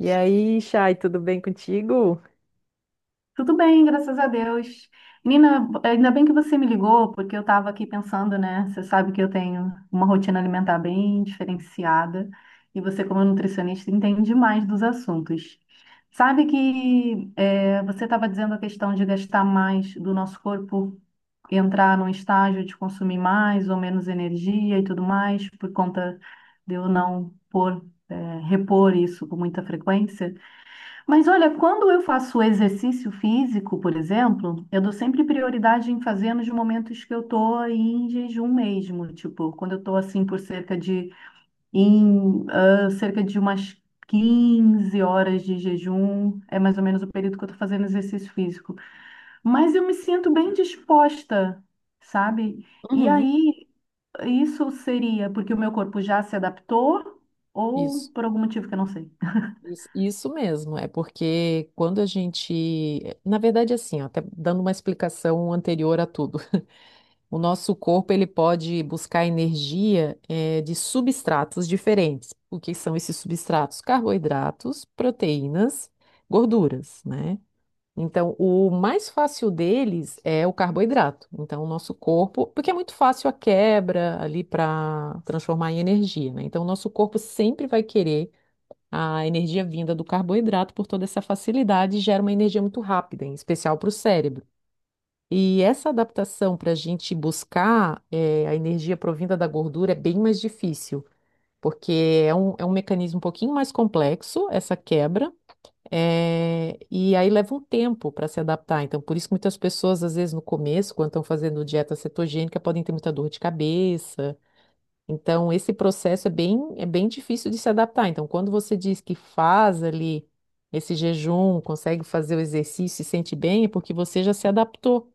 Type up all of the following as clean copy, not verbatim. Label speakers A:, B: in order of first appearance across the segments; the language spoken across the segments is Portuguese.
A: E aí, Chay, tudo bem contigo?
B: Tudo bem, graças a Deus. Nina, ainda bem que você me ligou, porque eu estava aqui pensando, né? Você sabe que eu tenho uma rotina alimentar bem diferenciada e você, como nutricionista, entende mais dos assuntos. Sabe que é, você estava dizendo a questão de gastar mais do nosso corpo, entrar num estágio de consumir mais ou menos energia e tudo mais, por conta de eu não pôr, repor isso com muita frequência. Mas olha, quando eu faço exercício físico, por exemplo, eu dou sempre prioridade em fazer nos momentos que eu tô em jejum mesmo, tipo, quando eu tô assim por cerca de umas 15 horas de jejum, é mais ou menos o período que eu tô fazendo exercício físico. Mas eu me sinto bem disposta, sabe? E
A: Uhum,
B: aí isso seria porque o meu corpo já se adaptou ou
A: isso,
B: por algum motivo que eu não sei.
A: isso mesmo. É porque quando a gente, na verdade, assim, ó, até dando uma explicação anterior a tudo, o nosso corpo ele pode buscar energia de substratos diferentes. O que são esses substratos? Carboidratos, proteínas, gorduras, né? Então, o mais fácil deles é o carboidrato. Então, o nosso corpo, porque é muito fácil a quebra ali para transformar em energia, né? Então, o nosso corpo sempre vai querer a energia vinda do carboidrato por toda essa facilidade e gera uma energia muito rápida, em especial para o cérebro. E essa adaptação para a gente buscar a energia provinda da gordura é bem mais difícil, porque é um mecanismo um pouquinho mais complexo, essa quebra. É, e aí leva um tempo para se adaptar. Então, por isso que muitas pessoas, às vezes, no começo, quando estão fazendo dieta cetogênica, podem ter muita dor de cabeça. Então, esse processo é bem difícil de se adaptar. Então, quando você diz que faz ali esse jejum, consegue fazer o exercício e sente bem, é porque você já se adaptou.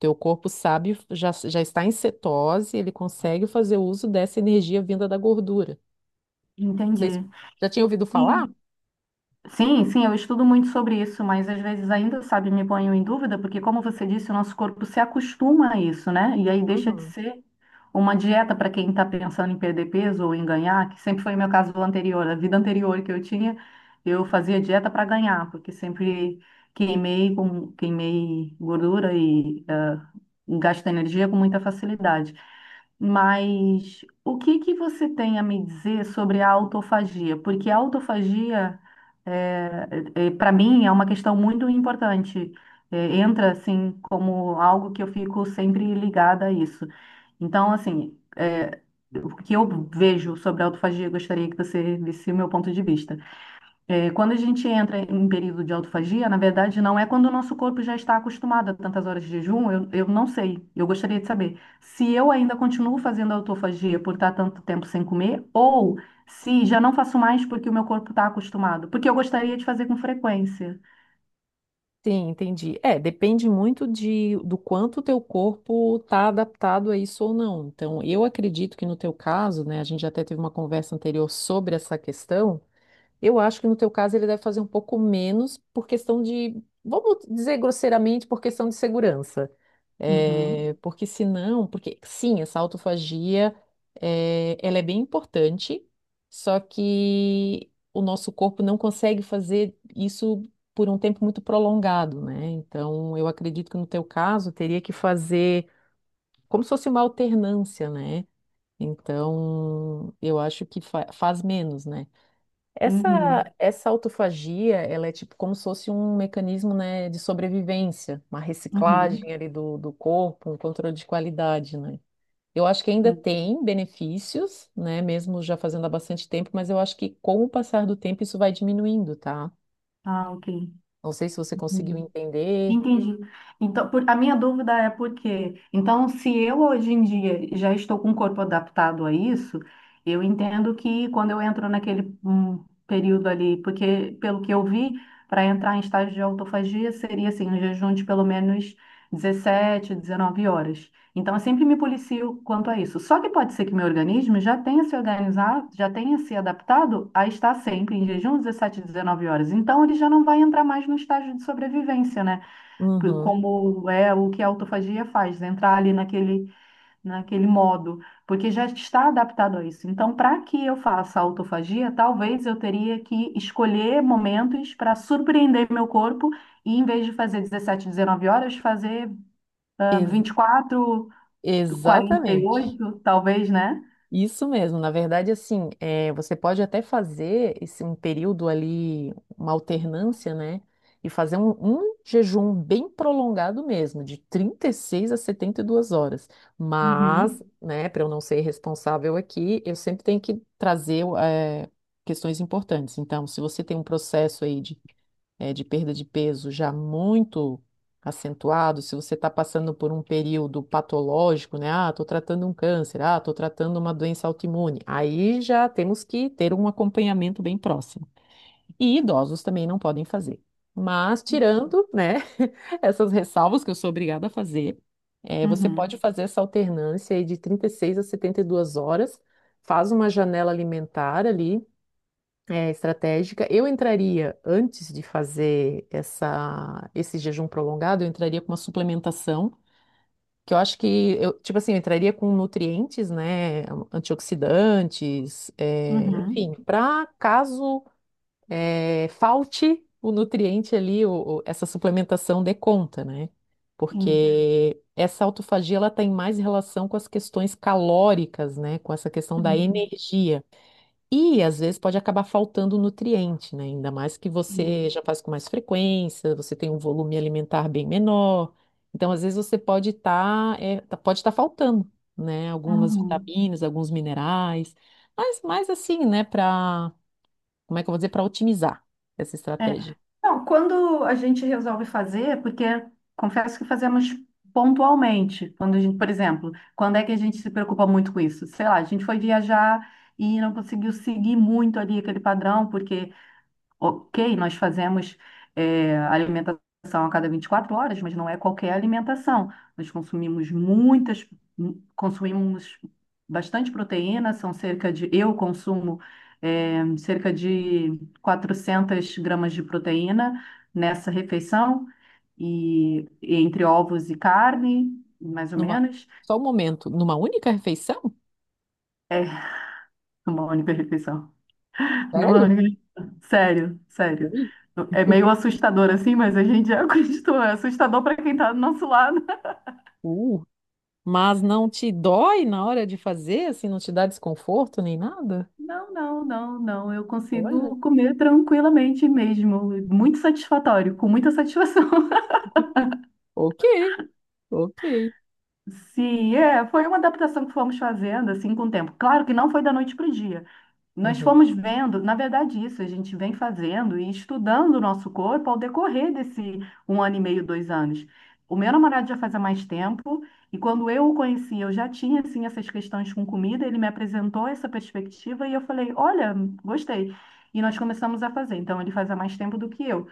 A: Teu corpo sabe, já está em cetose, ele consegue fazer uso dessa energia vinda da gordura. Não
B: Entendi.
A: sei se já tinha ouvido
B: E
A: falar?
B: Sim, sim, eu estudo muito sobre isso, mas às vezes ainda, sabe, me ponho em dúvida, porque como você disse, o nosso corpo se acostuma a isso, né? E aí deixa de
A: Uhum.
B: ser uma dieta para quem está pensando em perder peso ou em ganhar, que sempre foi o meu caso anterior, a vida anterior que eu tinha, eu fazia dieta para ganhar, porque sempre queimei gordura e gasto energia com muita facilidade. Mas o que que você tem a me dizer sobre a autofagia? Porque a autofagia para mim é uma questão muito importante. Entra assim como algo que eu fico sempre ligada a isso. Então, assim, o que eu vejo sobre a autofagia, eu gostaria que você visse o meu ponto de vista. Quando a gente entra em período de autofagia, na verdade, não é quando o nosso corpo já está acostumado a tantas horas de jejum, eu não sei. Eu gostaria de saber se eu ainda continuo fazendo autofagia por estar tanto tempo sem comer, ou se já não faço mais porque o meu corpo está acostumado. Porque eu gostaria de fazer com frequência.
A: Sim, entendi. É, depende muito do quanto o teu corpo está adaptado a isso ou não. Então, eu acredito que no teu caso, né, a gente até teve uma conversa anterior sobre essa questão, eu acho que no teu caso ele deve fazer um pouco menos por questão de, vamos dizer grosseiramente, por questão de segurança.
B: Uhum,
A: É, porque senão, porque sim, essa autofagia, é, ela é bem importante, só que o nosso corpo não consegue fazer isso por um tempo muito prolongado, né? Então, eu acredito que no teu caso teria que fazer como se fosse uma alternância, né? Então, eu acho que faz menos, né? Essa,
B: uhum,
A: essa autofagia, ela é tipo como se fosse um mecanismo, né, de sobrevivência, uma
B: uhum,
A: reciclagem ali do corpo, um controle de qualidade, né? Eu acho que ainda
B: sim.
A: tem benefícios, né, mesmo já fazendo há bastante tempo, mas eu acho que com o passar do tempo isso vai diminuindo, tá?
B: Ah, ok.
A: Não sei se você conseguiu
B: Entendi.
A: entender.
B: Entendi. Então, a minha dúvida é por quê? Então, se eu hoje em dia já estou com o corpo adaptado a isso, eu entendo que quando eu entro naquele período ali, porque pelo que eu vi, para entrar em estágio de autofagia seria assim, um jejum de pelo menos 17, 19 horas. Então, eu sempre me policio quanto a isso. Só que pode ser que meu organismo já tenha se organizado, já tenha se adaptado a estar sempre em jejum 17, 19 horas. Então, ele já não vai entrar mais no estágio de sobrevivência, né?
A: Uhum.
B: Como é o que a autofagia faz, né? Entrar ali naquele modo, porque já está adaptado a isso. Então, para que eu faça autofagia, talvez eu teria que escolher momentos para surpreender meu corpo e, em vez de fazer 17, 19 horas, fazer ah,
A: Ex-
B: vinte e
A: exatamente.
B: 48, talvez, né?
A: Isso mesmo, na verdade, assim, é, você pode até fazer esse, um período ali, uma alternância, né? E fazer um jejum bem prolongado mesmo, de 36 a 72 horas. Mas,
B: Uhum.
A: Uhum. né, para eu não ser irresponsável aqui, eu sempre tenho que trazer, questões importantes. Então, se você tem um processo aí de de perda de peso já muito acentuado, se você está passando por um período patológico, né? Ah, estou tratando um câncer, ah, estou tratando uma doença autoimune. Aí já temos que ter um acompanhamento bem próximo. E idosos também não podem fazer. Mas tirando, né, essas ressalvas que eu sou obrigada a fazer, você pode
B: Uhum.
A: fazer essa alternância aí de 36 a 72 horas, faz uma janela alimentar ali, é, estratégica. Eu entraria, antes de fazer essa, esse jejum prolongado, eu entraria com uma suplementação, que eu acho que, eu, tipo assim, eu entraria com nutrientes, né, antioxidantes, é,
B: Uhum.
A: enfim, para caso é, falte o nutriente ali, essa suplementação dê conta, né?
B: Uhum.
A: Porque essa autofagia, ela tem mais relação com as questões calóricas, né, com essa questão da
B: Uhum.
A: energia. E às vezes pode acabar faltando nutriente, né? Ainda mais que
B: Sim.
A: você já faz com mais frequência, você tem um volume alimentar bem menor. Então, às vezes você pode estar faltando, né? Algumas
B: Uhum.
A: vitaminas, alguns minerais. Mas assim, né? Para, como é que eu vou dizer? Para otimizar essa
B: É.
A: estratégia.
B: Não, quando a gente resolve fazer, porque confesso que fazemos pontualmente, quando a gente, por exemplo, quando é que a gente se preocupa muito com isso? Sei lá, a gente foi viajar e não conseguiu seguir muito ali aquele padrão, porque ok, nós fazemos alimentação a cada 24 horas, mas não é qualquer alimentação. Nós consumimos bastante proteína, são cerca de, eu consumo cerca de 400 gramas de proteína nessa refeição, e entre ovos e carne, mais ou
A: Numa,
B: menos,
A: só um momento, numa única refeição?
B: é uma única refeição. Não
A: Sério?
B: acredito. Sério, sério.
A: Ui,
B: É meio assustador assim, mas a gente já acreditou. É assustador para quem tá do nosso lado.
A: uh. Mas não te dói na hora de fazer, assim, não te dá desconforto nem nada?
B: Não, não, não, não. Eu
A: Olha.
B: consigo comer tranquilamente mesmo. Muito satisfatório, com muita satisfação.
A: Ok. Ok.
B: Sim, é. Foi uma adaptação que fomos fazendo assim com o tempo. Claro que não foi da noite para o dia. Nós
A: Uhum,
B: fomos vendo, na verdade, isso a gente vem fazendo e estudando o nosso corpo ao decorrer desse 1 ano e meio, 2 anos. O meu namorado já faz há mais tempo, e quando eu o conheci, eu já tinha assim, essas questões com comida, ele me apresentou essa perspectiva e eu falei: Olha, gostei. E nós começamos a fazer. Então, ele faz há mais tempo do que eu.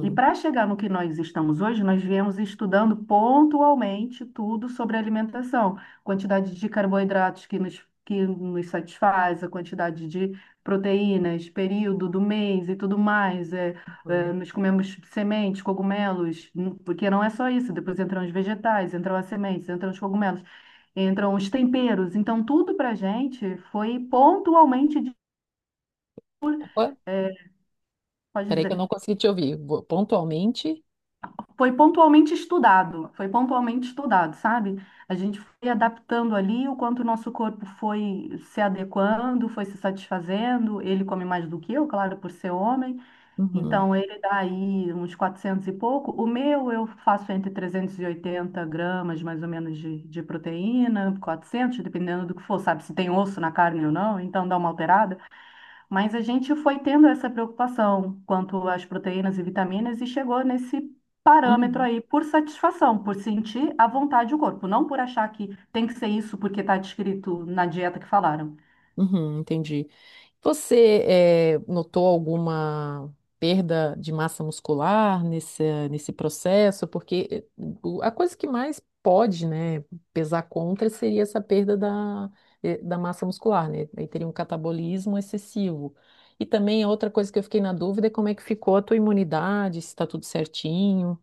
B: E para chegar no que nós estamos hoje, nós viemos estudando pontualmente tudo sobre alimentação, quantidade de carboidratos que nos satisfaz, a quantidade de proteínas, período do mês e tudo mais.
A: uhum.
B: Nós comemos sementes, cogumelos, porque não é só isso, depois entram os vegetais, entram as sementes, entram os cogumelos, entram os temperos. Então, tudo para a gente foi pontualmente,
A: Opa,
B: é, pode
A: peraí que eu não
B: dizer.
A: consegui te ouvir. Vou- Pontualmente?
B: Foi pontualmente estudado, sabe? A gente foi adaptando ali o quanto o nosso corpo foi se adequando, foi se satisfazendo. Ele come mais do que eu, claro, por ser homem.
A: Uhum,
B: Então, ele dá aí uns 400 e pouco. O meu, eu faço entre 380 gramas, mais ou menos, de proteína, 400, dependendo do que for, sabe? Se tem osso na carne ou não, então dá uma alterada. Mas a gente foi tendo essa preocupação quanto às proteínas e vitaminas e chegou nesse parâmetro
A: uhum,
B: aí por satisfação, por sentir à vontade o corpo, não por achar que tem que ser isso porque está descrito na dieta que falaram.
A: uhum, entendi. Você notou alguma perda de massa muscular nesse, nesse processo? Porque a coisa que mais pode, né, pesar contra seria essa perda da, da massa muscular, né? Aí teria um catabolismo excessivo. E também outra coisa que eu fiquei na dúvida é como é que ficou a tua imunidade, se está tudo certinho.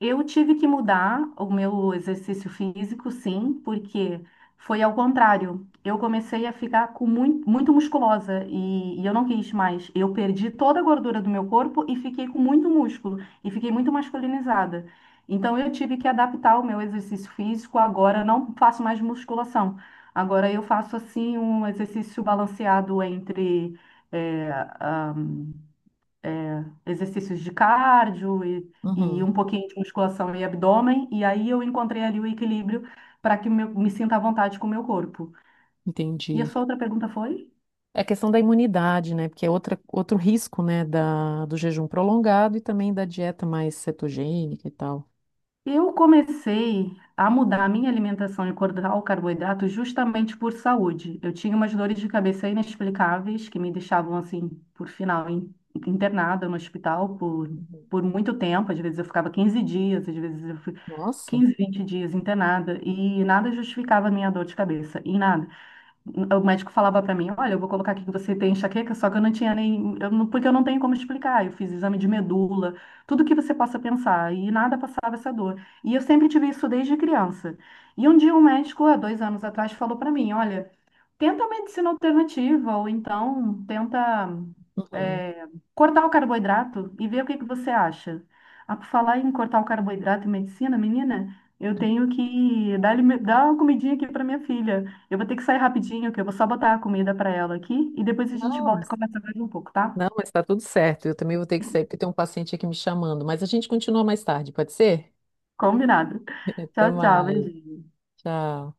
B: Eu tive que mudar o meu exercício físico, sim, porque foi ao contrário. Eu comecei a ficar com muito, muito musculosa e eu não quis mais. Eu perdi toda a gordura do meu corpo e fiquei com muito músculo e fiquei muito masculinizada. Então eu tive que adaptar o meu exercício físico. Agora eu não faço mais musculação. Agora eu faço assim um exercício balanceado entre exercícios de cardio e um pouquinho de musculação e abdômen, e aí eu encontrei ali o equilíbrio para que me sinta à vontade com o meu corpo. E a
A: Entendi.
B: sua outra pergunta foi?
A: É a questão da imunidade, né? Porque é outra, outro risco, né, da, do jejum prolongado e também da dieta mais cetogênica e tal.
B: Eu comecei a mudar a minha alimentação e cortar o carboidrato justamente por saúde. Eu tinha umas dores de cabeça inexplicáveis que me deixavam, assim, por final, internada no hospital por,
A: Uhum.
B: por muito tempo. Às vezes eu ficava 15 dias, às vezes eu fui
A: Nossa.
B: 15, 20 dias internada e nada justificava a minha dor de cabeça, e nada. O médico falava para mim, olha, eu vou colocar aqui que você tem enxaqueca, só que eu não tinha nem, eu não- porque eu não tenho como explicar. Eu fiz exame de medula, tudo que você possa pensar, e nada passava essa dor. E eu sempre tive isso desde criança. E um dia um médico, há 2 anos atrás, falou para mim, olha, tenta uma medicina alternativa, ou então tenta
A: Uhum.
B: é, cortar o carboidrato e ver o que que você acha. Ah, por falar em cortar o carboidrato e medicina, menina, eu tenho que dar, dar uma comidinha aqui para minha filha. Eu vou ter que sair rapidinho, que eu vou só botar a comida para ela aqui e depois a gente
A: Não,
B: volta e
A: mas
B: conversa mais um pouco, tá?
A: não, mas tá tudo certo. Eu também vou ter que sair porque tem um paciente aqui me chamando. Mas a gente continua mais tarde, pode ser?
B: Combinado.
A: Até
B: Tchau, tchau,
A: mais.
B: beijinho.
A: Tchau.